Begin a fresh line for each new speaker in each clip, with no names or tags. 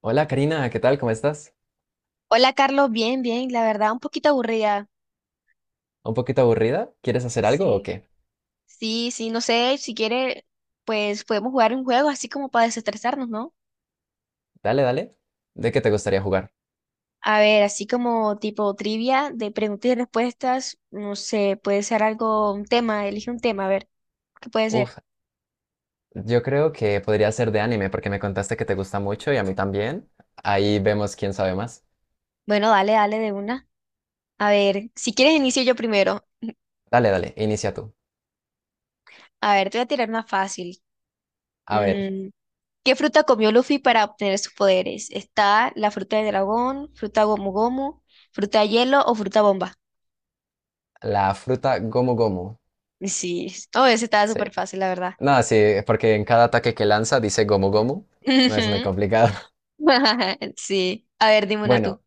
Hola Karina, ¿qué tal? ¿Cómo estás?
Hola Carlos, bien, bien, la verdad un poquito aburrida.
¿Un poquito aburrida? ¿Quieres hacer algo o
Sí,
qué?
sí, sí, no sé, si quiere, pues podemos jugar un juego así como para desestresarnos, ¿no?
Dale, dale. ¿De qué te gustaría jugar?
A ver, así como tipo trivia de preguntas y respuestas, no sé, puede ser algo, un tema, elige un tema, a ver, ¿qué puede ser?
Uf, yo creo que podría ser de anime porque me contaste que te gusta mucho y a mí también. Ahí vemos quién sabe más.
Bueno, dale, dale de una. A ver, si quieres inicio yo primero.
Dale, dale, inicia tú.
A ver, te voy a tirar una fácil.
A ver,
Mm, ¿Qué fruta comió Luffy para obtener sus poderes? ¿Está la fruta de dragón, fruta gomu gomu, fruta hielo o fruta bomba?
la fruta Gomu Gomu.
Sí, oh, ese estaba
Sí.
súper fácil, la verdad.
No, sí, porque en cada ataque que lanza dice Gomu Gomu. No es muy
Ujú.
complicado.
Sí. A ver, dime una tú.
Bueno,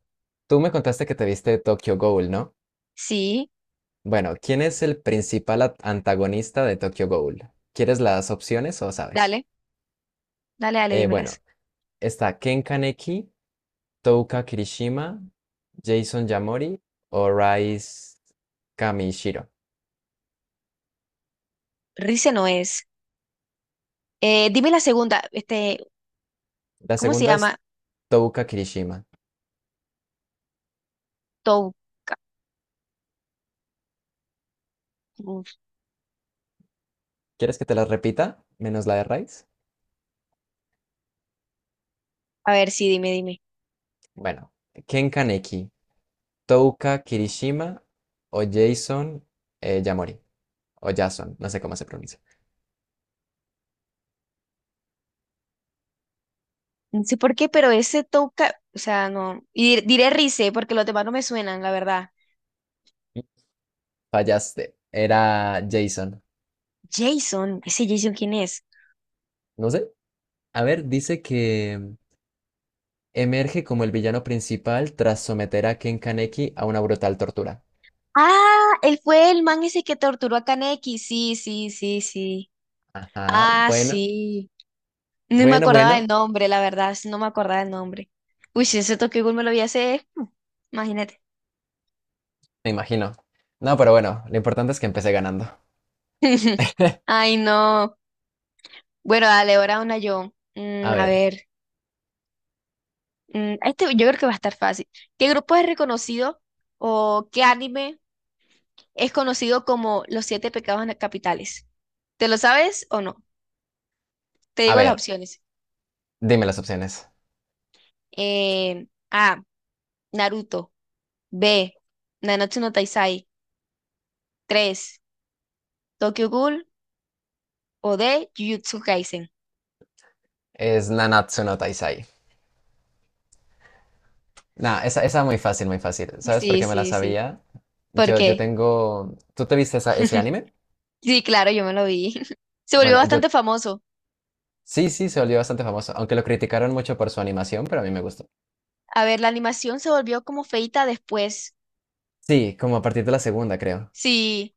tú me contaste que te viste Tokyo Ghoul, ¿no?
Sí,
Bueno, ¿quién es el principal antagonista de Tokyo Ghoul? ¿Quieres las opciones o sabes?
dale, dale, dale,
Bueno,
dímelas.
está Ken Kaneki, Touka Kirishima, Jason Yamori o Rise Kamishiro.
Rice no es. Dime la segunda,
La
¿cómo se
segunda
llama?
es Touka Kirishima.
Touca. Uf,
¿Quieres que te las repita? Menos la de Rise.
a ver, sí, dime, dime.
Bueno, Ken Kaneki, Touka Kirishima o Jason Yamori. O Jason, no sé cómo se pronuncia.
No sé por qué, pero ese Touca, o sea, no. Y diré Rice porque los demás no me suenan, la verdad.
Fallaste. Era Jason.
Jason, ese Jason, ¿quién es?
No sé. A ver, dice que emerge como el villano principal tras someter a Ken Kaneki a una brutal tortura.
Ah, él fue el man ese que torturó a Kaneki. Sí, sí, sí, sí.
Ajá,
Ah,
bueno,
sí, no me
bueno,
acordaba del
bueno,
nombre, la verdad, sí, no me acordaba del nombre. Uy, si ese Tokyo Ghoul me lo vi hace, imagínate.
me imagino. No, pero bueno, lo importante es que empecé ganando.
Ay, no. Bueno, dale, ahora una yo.
A
A
ver,
ver, yo creo que va a estar fácil. ¿Qué grupo es reconocido o qué anime es conocido como Los Siete Pecados Capitales? ¿Te lo sabes o no? Te
a
digo las
ver,
opciones.
dime las opciones.
A, Naruto. B, Nanatsu no Taizai. Tres, Tokyo Ghoul. O D, Jujutsu Kaisen.
Es Nanatsu no Taizai. Nah, esa muy fácil, muy fácil. ¿Sabes por
Sí,
qué me la
sí, sí.
sabía?
¿Por
Yo
qué?
tengo... ¿Tú te viste ese anime?
Sí, claro, yo me lo vi. Se volvió
Bueno, yo...
bastante famoso.
Sí, sí, se volvió bastante famoso, aunque lo criticaron mucho por su animación, pero a mí me gustó.
A ver, la animación se volvió como feita después.
Sí, como a partir de la segunda, creo.
Sí,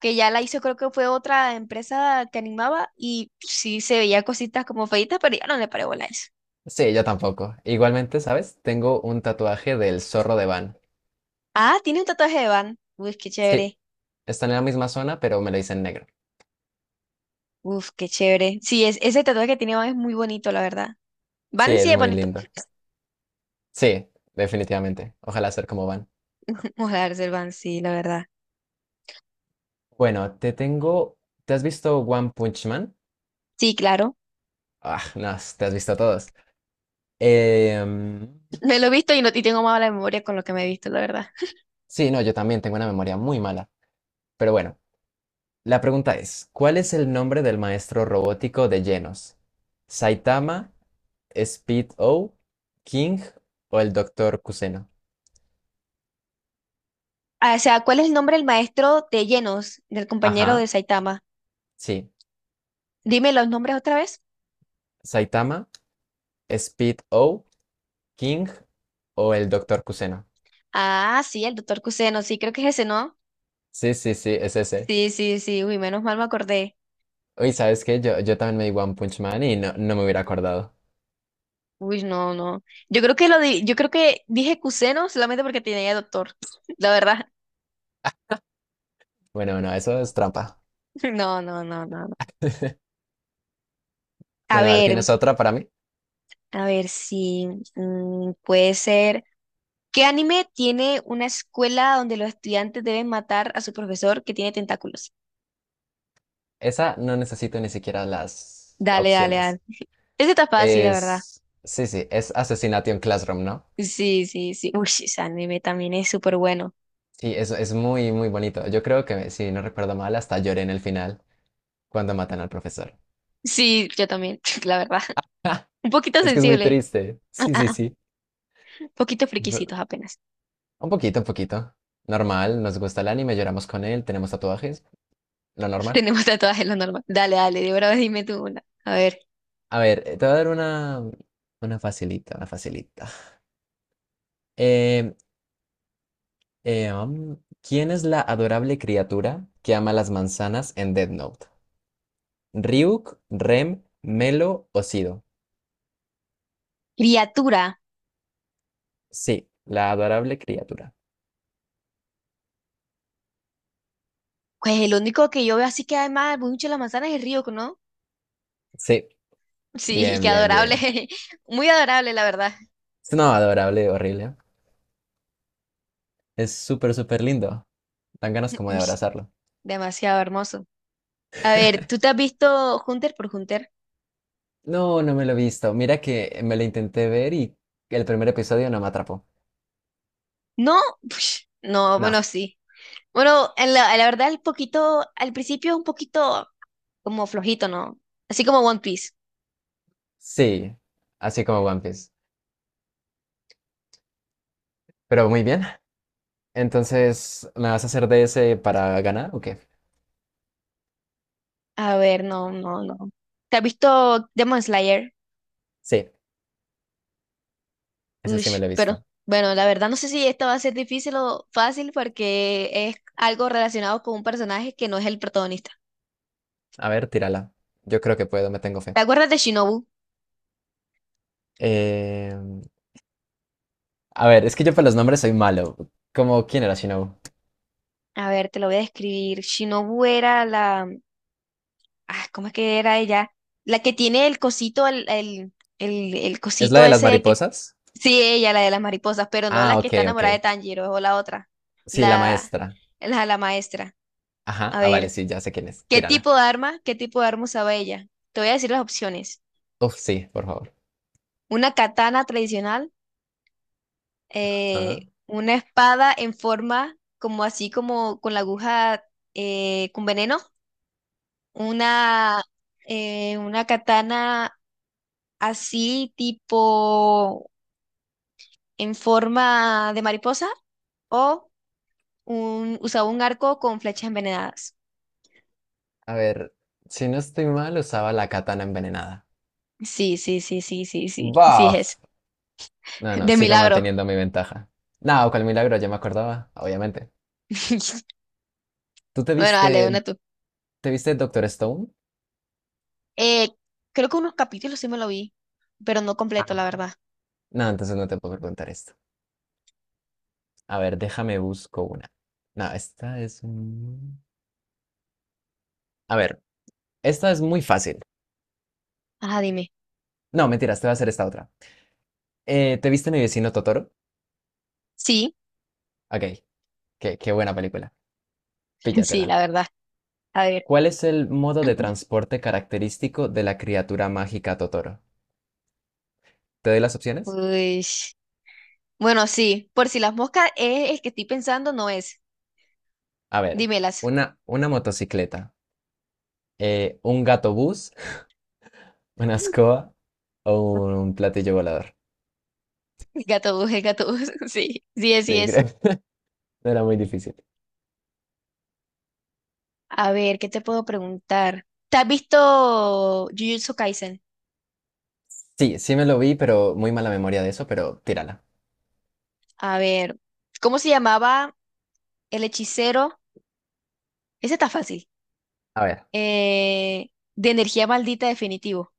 que ya la hizo, creo que fue otra empresa que animaba y sí se veía cositas como feitas, pero ya no le paré bola a eso.
Sí, yo tampoco. Igualmente, ¿sabes? Tengo un tatuaje del zorro de Van.
Ah, tiene un tatuaje de Van. Uf, qué
Sí,
chévere.
está en la misma zona, pero me lo hice en negro.
Uf, qué chévere. Sí, es, ese tatuaje que tiene Van es muy bonito, la verdad.
Sí,
Van sí
es
es
muy
bonito.
lindo. Sí, definitivamente. Ojalá ser como van.
Ojalá el Van, sí, la verdad.
Bueno, te tengo. ¿Te has visto One Punch Man?
Sí, claro.
Ah, no, te has visto todos. Em,
Me lo he visto y, no, y tengo mala memoria con lo que me he visto, la verdad.
sí, no, yo también tengo una memoria muy mala. Pero bueno, la pregunta es: ¿Cuál es el nombre del maestro robótico de Genos? ¿Saitama, Speed O, King o el Doctor Kuseno?
Ah, o sea, ¿cuál es el nombre del maestro de llenos, del compañero de
Ajá,
Saitama?
sí.
Dime los nombres otra vez.
¿Saitama, Speed O, King o el Doctor Kuseno?
Ah, sí, el doctor Kuseno, sí, creo que es ese, ¿no?
Sí, sí, sí, es ese.
Sí, sí, sí, uy, menos mal me acordé.
Uy, ¿sabes qué? Yo también me di One Punch Man y no, no me hubiera acordado.
Uy, no, no. Yo creo que dije Kuseno solamente porque tenía doctor. La verdad.
Bueno, no, eso es trampa.
No, no, no, no, no. A
Bueno, a ver,
ver,
¿tienes otra para mí?
a ver si puede ser. ¿Qué anime tiene una escuela donde los estudiantes deben matar a su profesor que tiene tentáculos?
Esa no necesito ni siquiera las
Dale, dale, dale.
opciones.
Ese está fácil, la verdad.
Es... Sí, sí, es Assassination Classroom, ¿no?
Sí, sí, sí. Uy, sí, ese anime también es súper bueno.
Sí, es muy, muy bonito. Yo creo que, si no recuerdo mal, hasta lloré en el final cuando matan al profesor.
Sí, yo también, la verdad. Un poquito
Es que es muy
sensible.
triste. Sí, sí, sí.
Un poquito
Ve-
friquisitos apenas.
Un poquito, un poquito. Normal, nos gusta el anime, lloramos con él, tenemos tatuajes, lo normal.
Tenemos tatuajes lo normal. Dale, dale, de verdad dime tú una. A ver.
A ver, te voy a dar una facilita, una facilita. Eh, ¿Quién es la adorable criatura que ama las manzanas en Death Note? ¿Ryuk, Rem, Melo o Sido?
Criatura.
Sí, la adorable criatura.
Pues el único que yo veo así que además mucho la manzana es el río, ¿no?
Sí,
Sí, y
bien,
qué
bien,
adorable.
bien.
Muy adorable, la verdad.
Es no adorable, horrible. Es súper, súper lindo. Dan ganas como de
Uy,
abrazarlo.
demasiado hermoso. A ver, ¿tú te has visto Hunter por Hunter?
No, no me lo he visto. Mira que me lo intenté ver y el primer episodio no me atrapó.
No, no,
No,
bueno, sí. Bueno, en la verdad, el poquito, al principio es un poquito como flojito, ¿no? Así como One Piece.
sí, así como One Piece. Pero muy bien. Entonces, ¿me vas a hacer de ese para ganar o qué?
A ver, no, no, no. ¿Te has visto Demon Slayer?
Sí, ese sí me
Ush,
lo he
pero
visto.
bueno, la verdad no sé si esto va a ser difícil o fácil porque es algo relacionado con un personaje que no es el protagonista.
A ver, tírala. Yo creo que puedo, me tengo fe.
¿Te acuerdas de Shinobu?
Eh, a ver, es que yo para los nombres soy malo. Como, ¿quién era Shinobu?
A ver, te lo voy a describir. Ah, ¿cómo es que era ella? La que tiene el cosito, el
¿Es la
cosito
de las
ese que...
mariposas?
Sí, ella, la de las mariposas, pero no la
Ah,
que
ok,
está
ok.
enamorada de Tanjiro, o la otra.
Sí, la
La,
maestra.
la maestra.
Ajá,
A
ah, vale,
ver,
sí, ya sé quién es. Tírala.
¿qué tipo de arma usaba ella? Te voy a decir las opciones.
Uf, sí, por favor.
Una katana tradicional,
Ajá.
una espada en forma como así como con la aguja con veneno, una, una katana así tipo en forma de mariposa o usaba un arco con flechas envenenadas.
A ver, si no estoy mal, usaba la katana envenenada.
Sí, sí, sí, sí, sí, sí, sí es
¡Buf! No,
ese.
no,
De
sigo
milagro.
manteniendo mi ventaja. No, cual milagro, ya me acordaba, obviamente. ¿Tú te
Bueno, dale, una
viste
tú.
¿Te viste Doctor Stone?
Eh, creo que unos capítulos sí me lo vi, pero no completo, la
Ah,
verdad.
no, entonces no te puedo preguntar esto. A ver, déjame busco una. No, esta es... un- A ver, esta es muy fácil.
Ajá, dime.
No, mentiras, te voy a hacer esta otra. ¿Te viste Mi vecino Totoro?
Sí,
Ok, qué, qué buena película.
sí,
Píllatela.
la verdad. A ver.
¿Cuál es el modo de transporte característico de la criatura mágica Totoro? ¿Te doy las opciones?
Uy. Bueno, sí, por si las moscas es el que estoy pensando, no es.
A ver,
Dímelas.
una motocicleta, un gato bus, una escoba o un platillo volador.
Gato bus, el gato bus. Sí, sí es, sí
Sí,
es.
creo. No era muy difícil.
A ver, ¿qué te puedo preguntar? ¿Te has visto Jujutsu Kaisen?
Sí, sí me lo vi, pero muy mala memoria de eso, pero tírala.
A ver, ¿cómo se llamaba el hechicero? Ese está fácil.
A ver,
Eh, de energía maldita definitivo.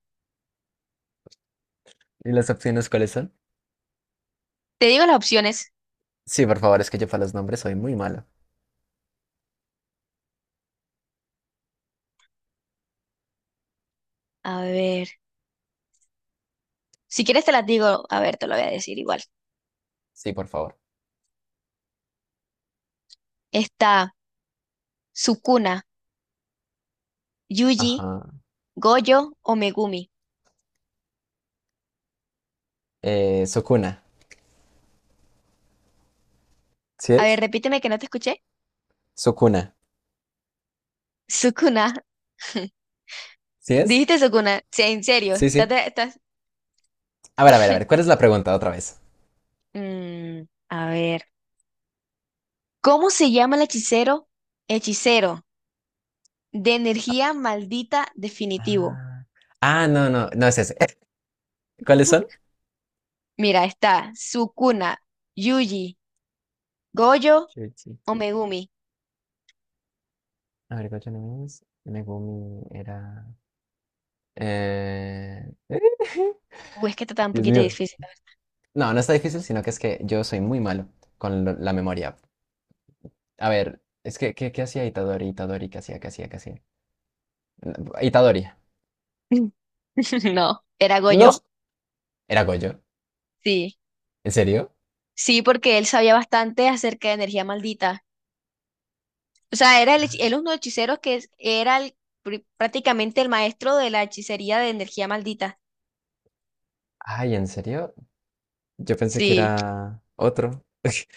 ¿y las opciones cuáles son?
Te digo las opciones.
Sí, por favor, es que yo para los nombres soy muy malo.
A ver, si quieres te las digo. A ver, te lo voy a decir igual.
Sí, por favor.
Está Sukuna, Yuji,
Ajá.
Goyo o Megumi.
Sukuna. ¿Sí
A ver,
es?
repíteme que no te escuché.
Sukuna.
Sukuna.
¿Sí es?
Dijiste Sukuna. Sí, en serio.
Sí, sí. A ver, a ver, a ver, ¿cuál es la pregunta otra vez?
A ver. ¿Cómo se llama el hechicero? Hechicero de energía maldita definitivo.
Ah, ah, no, no, no es ese. ¿Cuáles son?
Mira, está Sukuna, Yuji, Goyo
Shuichi.
o Megumi.
A ver, ¿cuáles son? Megumi era... Eh...
Uy, es que está tan un
Dios
poquito
mío.
difícil.
No, no está difícil, sino que es que yo soy muy malo con la memoria. A ver, es que, ¿qué, qué hacía Itadori? Itadori, ¿qué hacía? ¿Qué hacía? ¿Qué hacía? No, Itadori.
No, era
No.
Goyo.
¿Era Goyo?
Sí,
¿En serio?
sí, porque él sabía bastante acerca de energía maldita. O sea, era hech- él uno de los hechiceros que era el prácticamente el maestro de la hechicería de energía maldita.
Ay, ¿en serio? Yo pensé que
Sí.
era otro.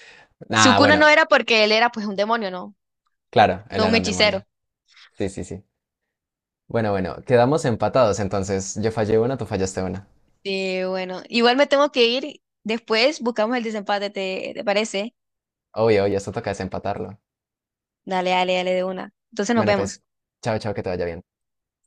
Ah,
Sukuna
bueno,
no era porque él era pues un demonio, ¿no?
claro, él
No un
era un demonio.
hechicero.
Sí, sí, sí. Bueno, bueno, quedamos empatados entonces. Yo fallé una, tú fallaste una.
Sí, bueno, igual me tengo que ir. Después buscamos el desempate, ¿te parece?
Obvio, obvio, esto toca desempatarlo.
Dale, dale, dale de una. Entonces nos
Bueno,
vemos.
pues, chao, chao, que te vaya bien.